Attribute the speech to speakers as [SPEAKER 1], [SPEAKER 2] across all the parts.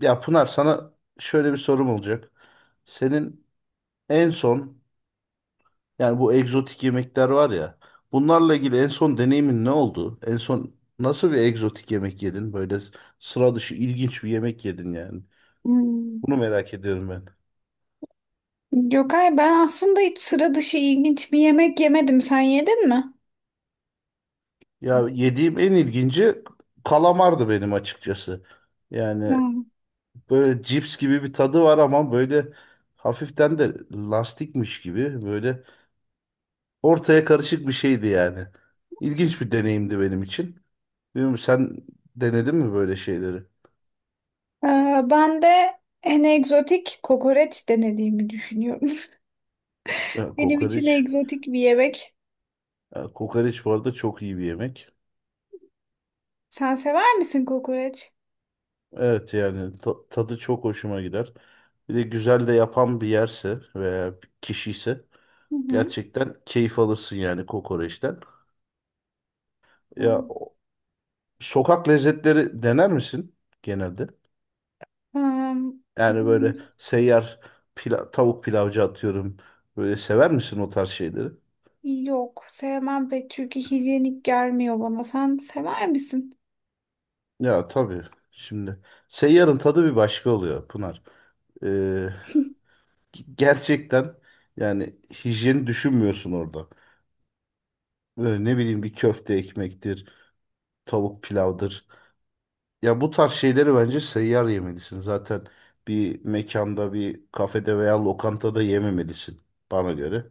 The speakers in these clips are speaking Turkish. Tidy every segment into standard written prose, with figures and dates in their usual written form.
[SPEAKER 1] Ya Pınar, sana şöyle bir sorum olacak. Senin en son, yani bu egzotik yemekler var ya, bunlarla ilgili en son deneyimin ne oldu? En son nasıl bir egzotik yemek yedin? Böyle sıra dışı, ilginç bir yemek yedin yani.
[SPEAKER 2] Hmm.
[SPEAKER 1] Bunu merak ediyorum ben.
[SPEAKER 2] Gökay, ben aslında hiç sıra dışı ilginç bir yemek yemedim. Sen yedin mi?
[SPEAKER 1] Ya yediğim en ilginci kalamardı benim açıkçası. Yani
[SPEAKER 2] Hmm.
[SPEAKER 1] böyle cips gibi bir tadı var ama böyle hafiften de lastikmiş gibi, böyle ortaya karışık bir şeydi yani. İlginç bir deneyimdi benim için. Bilmiyorum, sen denedin mi böyle şeyleri?
[SPEAKER 2] Ee, Ben de en egzotik kokoreç denediğimi düşünüyorum.
[SPEAKER 1] Ha,
[SPEAKER 2] Benim için
[SPEAKER 1] kokoreç.
[SPEAKER 2] egzotik bir yemek.
[SPEAKER 1] Ha, kokoreç bu arada çok iyi bir yemek.
[SPEAKER 2] Sen sever misin kokoreç?
[SPEAKER 1] Evet, yani tadı çok hoşuma gider. Bir de güzel de yapan bir yerse veya bir kişi ise
[SPEAKER 2] Hı hı.
[SPEAKER 1] gerçekten keyif alırsın yani kokoreçten. Ya
[SPEAKER 2] Hmm.
[SPEAKER 1] sokak lezzetleri dener misin genelde? Yani
[SPEAKER 2] Hmm,
[SPEAKER 1] böyle seyyar tavuk pilavcı atıyorum. Böyle sever misin o tarz şeyleri?
[SPEAKER 2] yok sevmem pek çünkü hijyenik gelmiyor bana. Sen sever misin?
[SPEAKER 1] Ya tabii. Şimdi seyyarın tadı bir başka oluyor Pınar. Ee, Gerçekten yani hijyeni düşünmüyorsun orada. Böyle ne bileyim, bir köfte ekmektir, tavuk pilavdır. Ya bu tarz şeyleri bence seyyar yemelisin. Zaten bir mekanda, bir kafede veya lokantada yememelisin bana göre.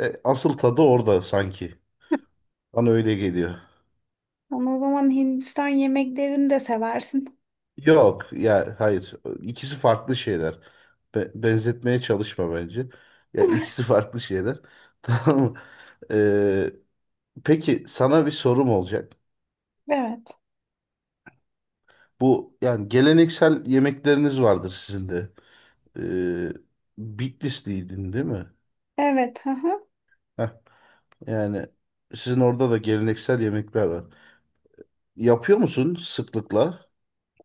[SPEAKER 1] E, asıl tadı orada sanki. Bana öyle geliyor.
[SPEAKER 2] Ama o zaman Hindistan yemeklerini de seversin.
[SPEAKER 1] Yok ya, hayır. İkisi farklı şeyler. Benzetmeye çalışma bence. Ya ikisi farklı şeyler. Tamam mı? E, peki sana bir sorum olacak.
[SPEAKER 2] Evet.
[SPEAKER 1] Bu, yani geleneksel yemekleriniz vardır sizin de. Ee, Bitlisliydin değil mi?
[SPEAKER 2] Evet. Hı hı.
[SPEAKER 1] Heh, yani sizin orada da geleneksel yemekler var. Yapıyor musun sıklıkla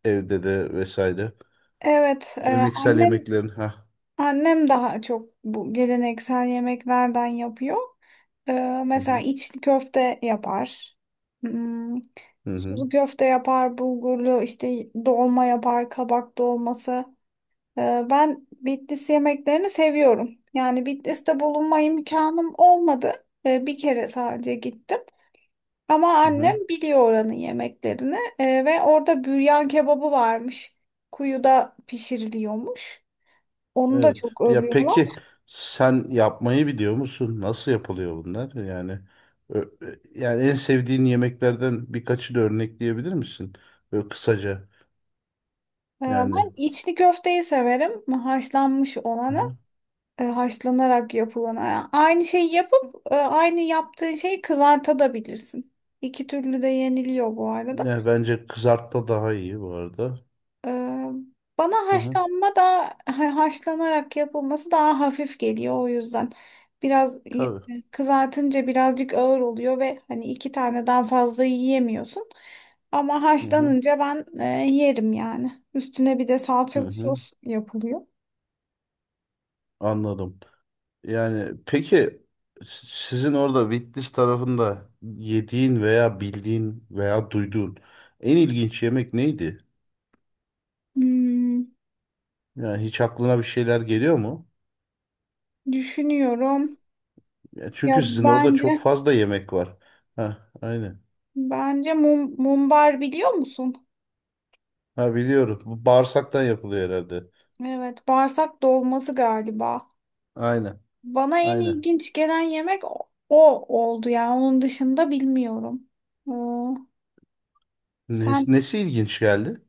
[SPEAKER 1] evde de vesaire?
[SPEAKER 2] Evet.
[SPEAKER 1] Geleneksel yemeklerin ha.
[SPEAKER 2] Annem daha çok bu geleneksel yemeklerden yapıyor. Ee,
[SPEAKER 1] Hı
[SPEAKER 2] Mesela
[SPEAKER 1] hı.
[SPEAKER 2] içli köfte yapar. Hmm,
[SPEAKER 1] Hı hı.
[SPEAKER 2] sulu köfte yapar, bulgurlu işte dolma yapar, kabak dolması. Ben Bitlis yemeklerini seviyorum. Yani Bitlis'te bulunma imkanım olmadı. Bir kere sadece gittim. Ama
[SPEAKER 1] Hı
[SPEAKER 2] annem
[SPEAKER 1] hı.
[SPEAKER 2] biliyor oranın yemeklerini. Ve orada büryan kebabı varmış. Kuyuda pişiriliyormuş. Onu da
[SPEAKER 1] Evet.
[SPEAKER 2] çok
[SPEAKER 1] Ya
[SPEAKER 2] övüyorlar.
[SPEAKER 1] peki sen yapmayı biliyor musun? Nasıl yapılıyor bunlar? Yani yani en sevdiğin yemeklerden birkaçı da örnekleyebilir misin? Böyle kısaca yani.
[SPEAKER 2] Ben içli köfteyi severim. Haşlanmış olanı, haşlanarak yapılanı. Yani aynı şeyi yapıp aynı yaptığın şeyi kızartabilirsin. İki türlü de yeniliyor bu arada.
[SPEAKER 1] Ne, bence kızartma daha iyi bu arada.
[SPEAKER 2] Ee, Bana
[SPEAKER 1] Hı hı.
[SPEAKER 2] haşlanma da haşlanarak yapılması daha hafif geliyor o yüzden. Biraz
[SPEAKER 1] Tabii.
[SPEAKER 2] kızartınca birazcık ağır oluyor ve hani iki taneden fazla yiyemiyorsun. Ama
[SPEAKER 1] Hı hı.
[SPEAKER 2] haşlanınca ben yerim yani. Üstüne bir de
[SPEAKER 1] Hı
[SPEAKER 2] salçalı
[SPEAKER 1] hı.
[SPEAKER 2] sos yapılıyor.
[SPEAKER 1] Anladım. Yani peki sizin orada Bitlis tarafında yediğin veya bildiğin veya duyduğun en ilginç yemek neydi?
[SPEAKER 2] Hmm,
[SPEAKER 1] Yani hiç aklına bir şeyler geliyor mu?
[SPEAKER 2] düşünüyorum.
[SPEAKER 1] Ya
[SPEAKER 2] Ya
[SPEAKER 1] çünkü sizin orada çok
[SPEAKER 2] bence
[SPEAKER 1] fazla yemek var. Ha, aynen.
[SPEAKER 2] bence mum, mumbar biliyor musun?
[SPEAKER 1] Ha, biliyorum. Bu bağırsaktan yapılıyor herhalde.
[SPEAKER 2] Evet, bağırsak dolması galiba.
[SPEAKER 1] Aynen.
[SPEAKER 2] Bana en
[SPEAKER 1] Aynen.
[SPEAKER 2] ilginç gelen yemek o oldu ya. Onun dışında bilmiyorum. Ee, Sen,
[SPEAKER 1] Nesi ilginç geldi?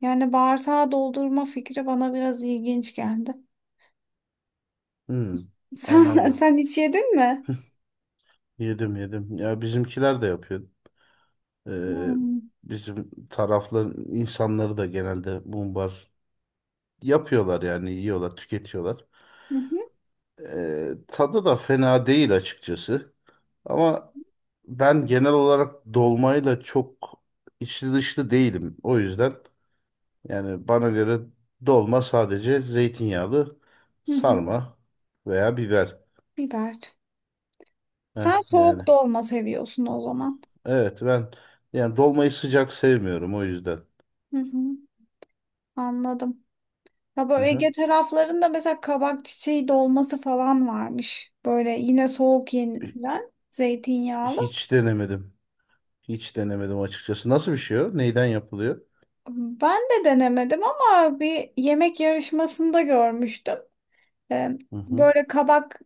[SPEAKER 2] yani bağırsağı doldurma fikri bana biraz ilginç geldi.
[SPEAKER 1] Hı,
[SPEAKER 2] Sen,
[SPEAKER 1] anladım.
[SPEAKER 2] sen hiç yedin mi?
[SPEAKER 1] Yedim, yedim. Ya bizimkiler de yapıyor. Ee,
[SPEAKER 2] Hmm.
[SPEAKER 1] bizim tarafların insanları da genelde mumbar yapıyorlar, yani yiyorlar, tüketiyorlar.
[SPEAKER 2] Hı hı,
[SPEAKER 1] Tadı da fena değil açıkçası. Ama ben genel olarak dolmayla çok içli dışlı değilim. O yüzden yani bana göre dolma sadece zeytinyağlı
[SPEAKER 2] hı hı.
[SPEAKER 1] sarma veya biber.
[SPEAKER 2] Biber.
[SPEAKER 1] Heh,
[SPEAKER 2] Sen soğuk
[SPEAKER 1] yani
[SPEAKER 2] dolma seviyorsun o zaman.
[SPEAKER 1] evet, ben yani dolmayı sıcak sevmiyorum o yüzden.
[SPEAKER 2] Hı hı. Anladım. Ya
[SPEAKER 1] Hı
[SPEAKER 2] böyle
[SPEAKER 1] hı.
[SPEAKER 2] Ege taraflarında mesela kabak çiçeği dolması falan varmış. Böyle yine soğuk yenilen zeytinyağlı.
[SPEAKER 1] Hiç denemedim. Hiç denemedim açıkçası. Nasıl bir şey o? Neyden yapılıyor?
[SPEAKER 2] Ben de denemedim ama bir yemek yarışmasında görmüştüm. Ee,
[SPEAKER 1] Hı hı.
[SPEAKER 2] Böyle kabak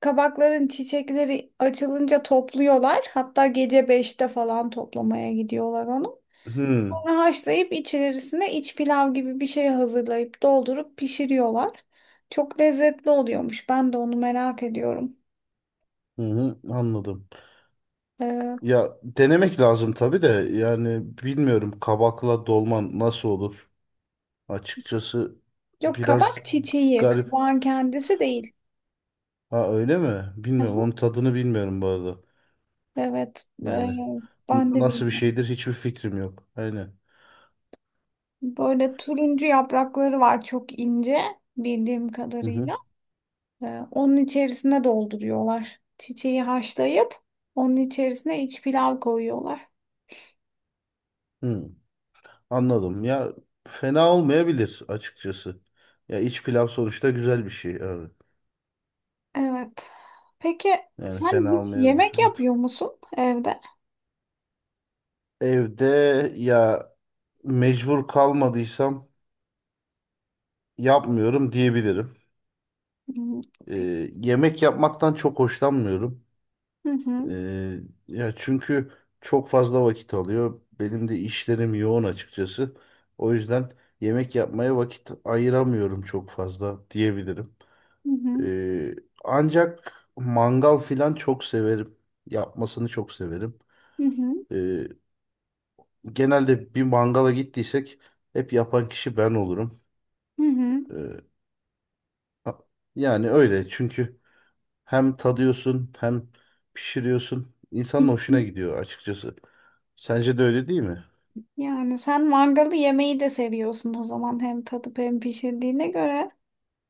[SPEAKER 2] kabakların çiçekleri açılınca topluyorlar. Hatta gece beşte falan toplamaya gidiyorlar onu.
[SPEAKER 1] Hmm.
[SPEAKER 2] Sonra haşlayıp içerisine iç pilav gibi bir şey hazırlayıp doldurup pişiriyorlar. Çok lezzetli oluyormuş. Ben de onu merak ediyorum.
[SPEAKER 1] Hı hı, anladım.
[SPEAKER 2] Ee,
[SPEAKER 1] Ya denemek lazım tabii de, yani bilmiyorum, kabakla dolman nasıl olur? Açıkçası
[SPEAKER 2] Yok,
[SPEAKER 1] biraz
[SPEAKER 2] kabak çiçeği,
[SPEAKER 1] garip.
[SPEAKER 2] kabağın kendisi değil.
[SPEAKER 1] Ha, öyle mi?
[SPEAKER 2] Hı
[SPEAKER 1] Bilmiyorum. Onun
[SPEAKER 2] hı.
[SPEAKER 1] tadını bilmiyorum bu arada.
[SPEAKER 2] Evet,
[SPEAKER 1] Yani
[SPEAKER 2] ben de
[SPEAKER 1] nasıl bir
[SPEAKER 2] bilmiyorum.
[SPEAKER 1] şeydir, hiçbir fikrim yok. Aynen.
[SPEAKER 2] Böyle turuncu yaprakları var, çok ince bildiğim
[SPEAKER 1] Hı hı.
[SPEAKER 2] kadarıyla. Onun içerisine dolduruyorlar. Çiçeği haşlayıp onun içerisine iç pilav koyuyorlar.
[SPEAKER 1] Hı. Anladım. Ya fena olmayabilir açıkçası. Ya iç pilav sonuçta güzel bir şey abi.
[SPEAKER 2] Evet. Peki
[SPEAKER 1] Yani
[SPEAKER 2] sen
[SPEAKER 1] fena
[SPEAKER 2] hiç
[SPEAKER 1] olmayabilir.
[SPEAKER 2] yemek
[SPEAKER 1] Evet.
[SPEAKER 2] yapıyor musun evde?
[SPEAKER 1] Evde ya, mecbur kalmadıysam yapmıyorum diyebilirim.
[SPEAKER 2] Hmm. Peki.
[SPEAKER 1] Ee, yemek yapmaktan çok hoşlanmıyorum.
[SPEAKER 2] Hı hı.
[SPEAKER 1] Ee, ya çünkü çok fazla vakit alıyor. Benim de işlerim yoğun açıkçası. O yüzden yemek yapmaya vakit ayıramıyorum çok fazla diyebilirim.
[SPEAKER 2] Hı hı.
[SPEAKER 1] Ee, ancak mangal filan çok severim. Yapmasını çok severim.
[SPEAKER 2] Hı hı.
[SPEAKER 1] Ee, Genelde bir mangala gittiysek hep yapan kişi ben olurum.
[SPEAKER 2] Hı hı.
[SPEAKER 1] Ee, a- yani öyle çünkü hem tadıyorsun hem pişiriyorsun. İnsanın hoşuna gidiyor açıkçası. Sence de öyle değil mi?
[SPEAKER 2] Yani sen mangalı yemeyi de seviyorsun o zaman, hem tadıp hem pişirdiğine göre.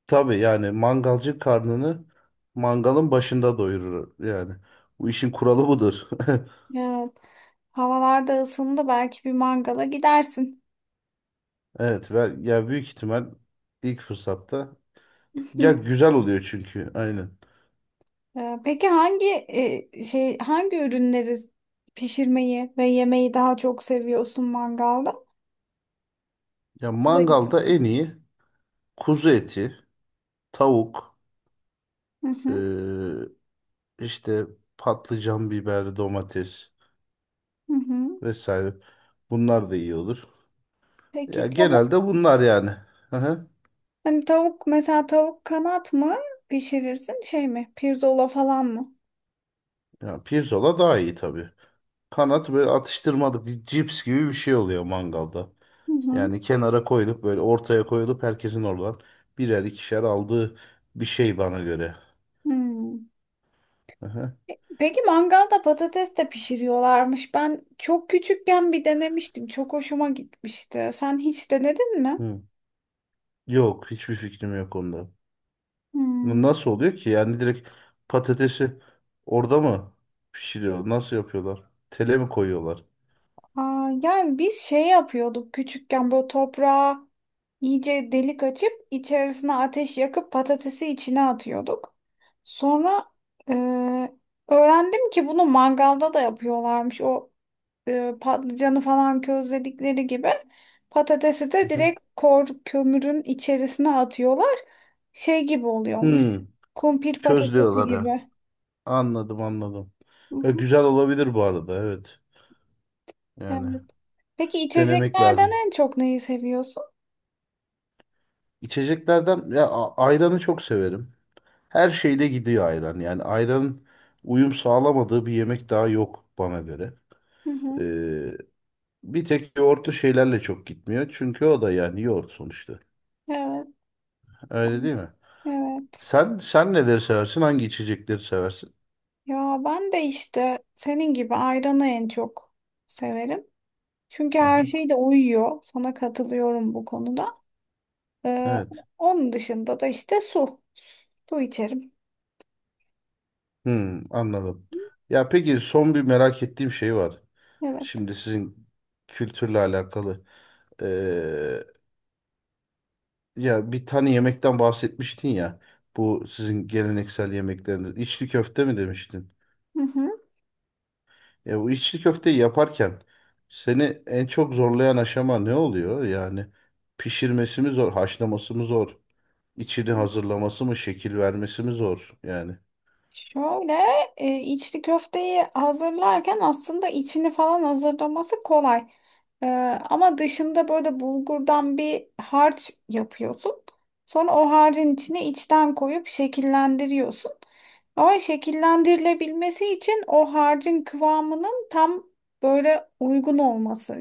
[SPEAKER 1] Tabii, yani mangalcı karnını mangalın başında doyurur yani. Bu işin kuralı budur.
[SPEAKER 2] Evet. Havalar da ısındı, belki bir mangala gidersin.
[SPEAKER 1] Evet, ben, ya büyük ihtimal ilk fırsatta, ya güzel oluyor çünkü, aynen.
[SPEAKER 2] Peki hangi hangi ürünleri pişirmeyi ve yemeyi daha çok seviyorsun mangalda?
[SPEAKER 1] Ya
[SPEAKER 2] Kuzu eti.
[SPEAKER 1] mangalda en iyi kuzu eti, tavuk,
[SPEAKER 2] Hı hı,
[SPEAKER 1] ee, İşte patlıcan, biber, domates
[SPEAKER 2] hı hı.
[SPEAKER 1] vesaire. Bunlar da iyi olur. Ya
[SPEAKER 2] Peki tavuk,
[SPEAKER 1] genelde bunlar yani. Hı hı.
[SPEAKER 2] mesela tavuk kanat mı pişirirsin, şey mi pirzola falan mı?
[SPEAKER 1] Ya pirzola daha iyi tabii. Kanat böyle atıştırmalık, bir cips gibi bir şey oluyor mangalda.
[SPEAKER 2] Hı hı.
[SPEAKER 1] Yani kenara koyulup, böyle ortaya koyulup herkesin oradan birer ikişer aldığı bir şey bana göre.
[SPEAKER 2] Hmm.
[SPEAKER 1] Hı hı.
[SPEAKER 2] Peki mangalda patates de pişiriyorlarmış. Ben çok küçükken bir denemiştim. Çok hoşuma gitmişti. Sen hiç denedin mi?
[SPEAKER 1] Hı. Yok, hiçbir fikrim yok onda. Bu
[SPEAKER 2] Hmm.
[SPEAKER 1] nasıl oluyor ki? Yani direkt patatesi orada mı pişiriyor? Nasıl yapıyorlar? Tele mi koyuyorlar?
[SPEAKER 2] Aa, yani biz şey yapıyorduk küçükken, böyle toprağa iyice delik açıp içerisine ateş yakıp patatesi içine atıyorduk. Sonra e, öğrendim ki bunu mangalda da yapıyorlarmış. O patlıcanı falan közledikleri gibi patatesi de direkt kor kömürün içerisine atıyorlar. Şey gibi oluyormuş.
[SPEAKER 1] Hmm,
[SPEAKER 2] Kumpir patatesi
[SPEAKER 1] közlüyorlar ya.
[SPEAKER 2] gibi.
[SPEAKER 1] Anladım, anladım.
[SPEAKER 2] Hı
[SPEAKER 1] Ya,
[SPEAKER 2] hı,
[SPEAKER 1] güzel olabilir bu arada, evet. Yani
[SPEAKER 2] evet. Peki
[SPEAKER 1] denemek
[SPEAKER 2] içeceklerden
[SPEAKER 1] lazım.
[SPEAKER 2] en çok neyi seviyorsun?
[SPEAKER 1] İçeceklerden ya, ayranı çok severim. Her şeyle gidiyor ayran. Yani ayranın uyum sağlamadığı bir yemek daha yok bana göre.
[SPEAKER 2] Hı hı,
[SPEAKER 1] Ee, bir tek yoğurtlu şeylerle çok gitmiyor. Çünkü o da yani yoğurt sonuçta.
[SPEAKER 2] evet.
[SPEAKER 1] Öyle değil mi?
[SPEAKER 2] Evet.
[SPEAKER 1] Sen neleri seversin? Hangi içecekleri seversin?
[SPEAKER 2] Ya ben de işte senin gibi ayranı en çok severim. Çünkü her
[SPEAKER 1] Aha,
[SPEAKER 2] şey de uyuyor. Sana katılıyorum bu konuda. Ee,
[SPEAKER 1] evet.
[SPEAKER 2] Onun dışında da işte su. Su içerim.
[SPEAKER 1] Hmm, anladım. Ya peki son bir merak ettiğim şey var.
[SPEAKER 2] Evet.
[SPEAKER 1] Şimdi sizin kültürle alakalı. Ee, ya bir tane yemekten bahsetmiştin ya. Bu sizin geleneksel yemekleriniz. İçli köfte mi demiştin?
[SPEAKER 2] Hı hı.
[SPEAKER 1] Ya bu içli köfteyi yaparken seni en çok zorlayan aşama ne oluyor? Yani pişirmesi mi zor, haşlaması mı zor, içini hazırlaması mı, şekil vermesi mi zor? Yani.
[SPEAKER 2] Şöyle içli köfteyi hazırlarken aslında içini falan hazırlaması kolay. E, Ama dışında böyle bulgurdan bir harç yapıyorsun. Sonra o harcın içine içten koyup şekillendiriyorsun. Ama şekillendirilebilmesi için o harcın kıvamının tam böyle uygun olması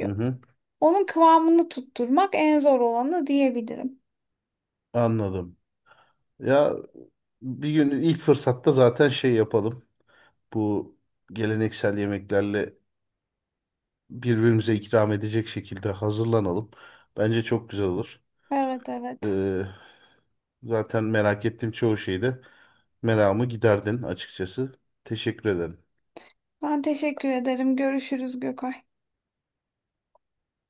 [SPEAKER 1] Hı hı,
[SPEAKER 2] Onun kıvamını tutturmak en zor olanı diyebilirim.
[SPEAKER 1] anladım. Ya bir gün ilk fırsatta zaten şey yapalım. Bu geleneksel yemeklerle birbirimize ikram edecek şekilde hazırlanalım. Bence çok güzel olur.
[SPEAKER 2] Evet, evet.
[SPEAKER 1] Ee, zaten merak ettiğim çoğu şeyde meramı giderdin açıkçası. Teşekkür ederim.
[SPEAKER 2] Ben teşekkür ederim. Görüşürüz Gökay.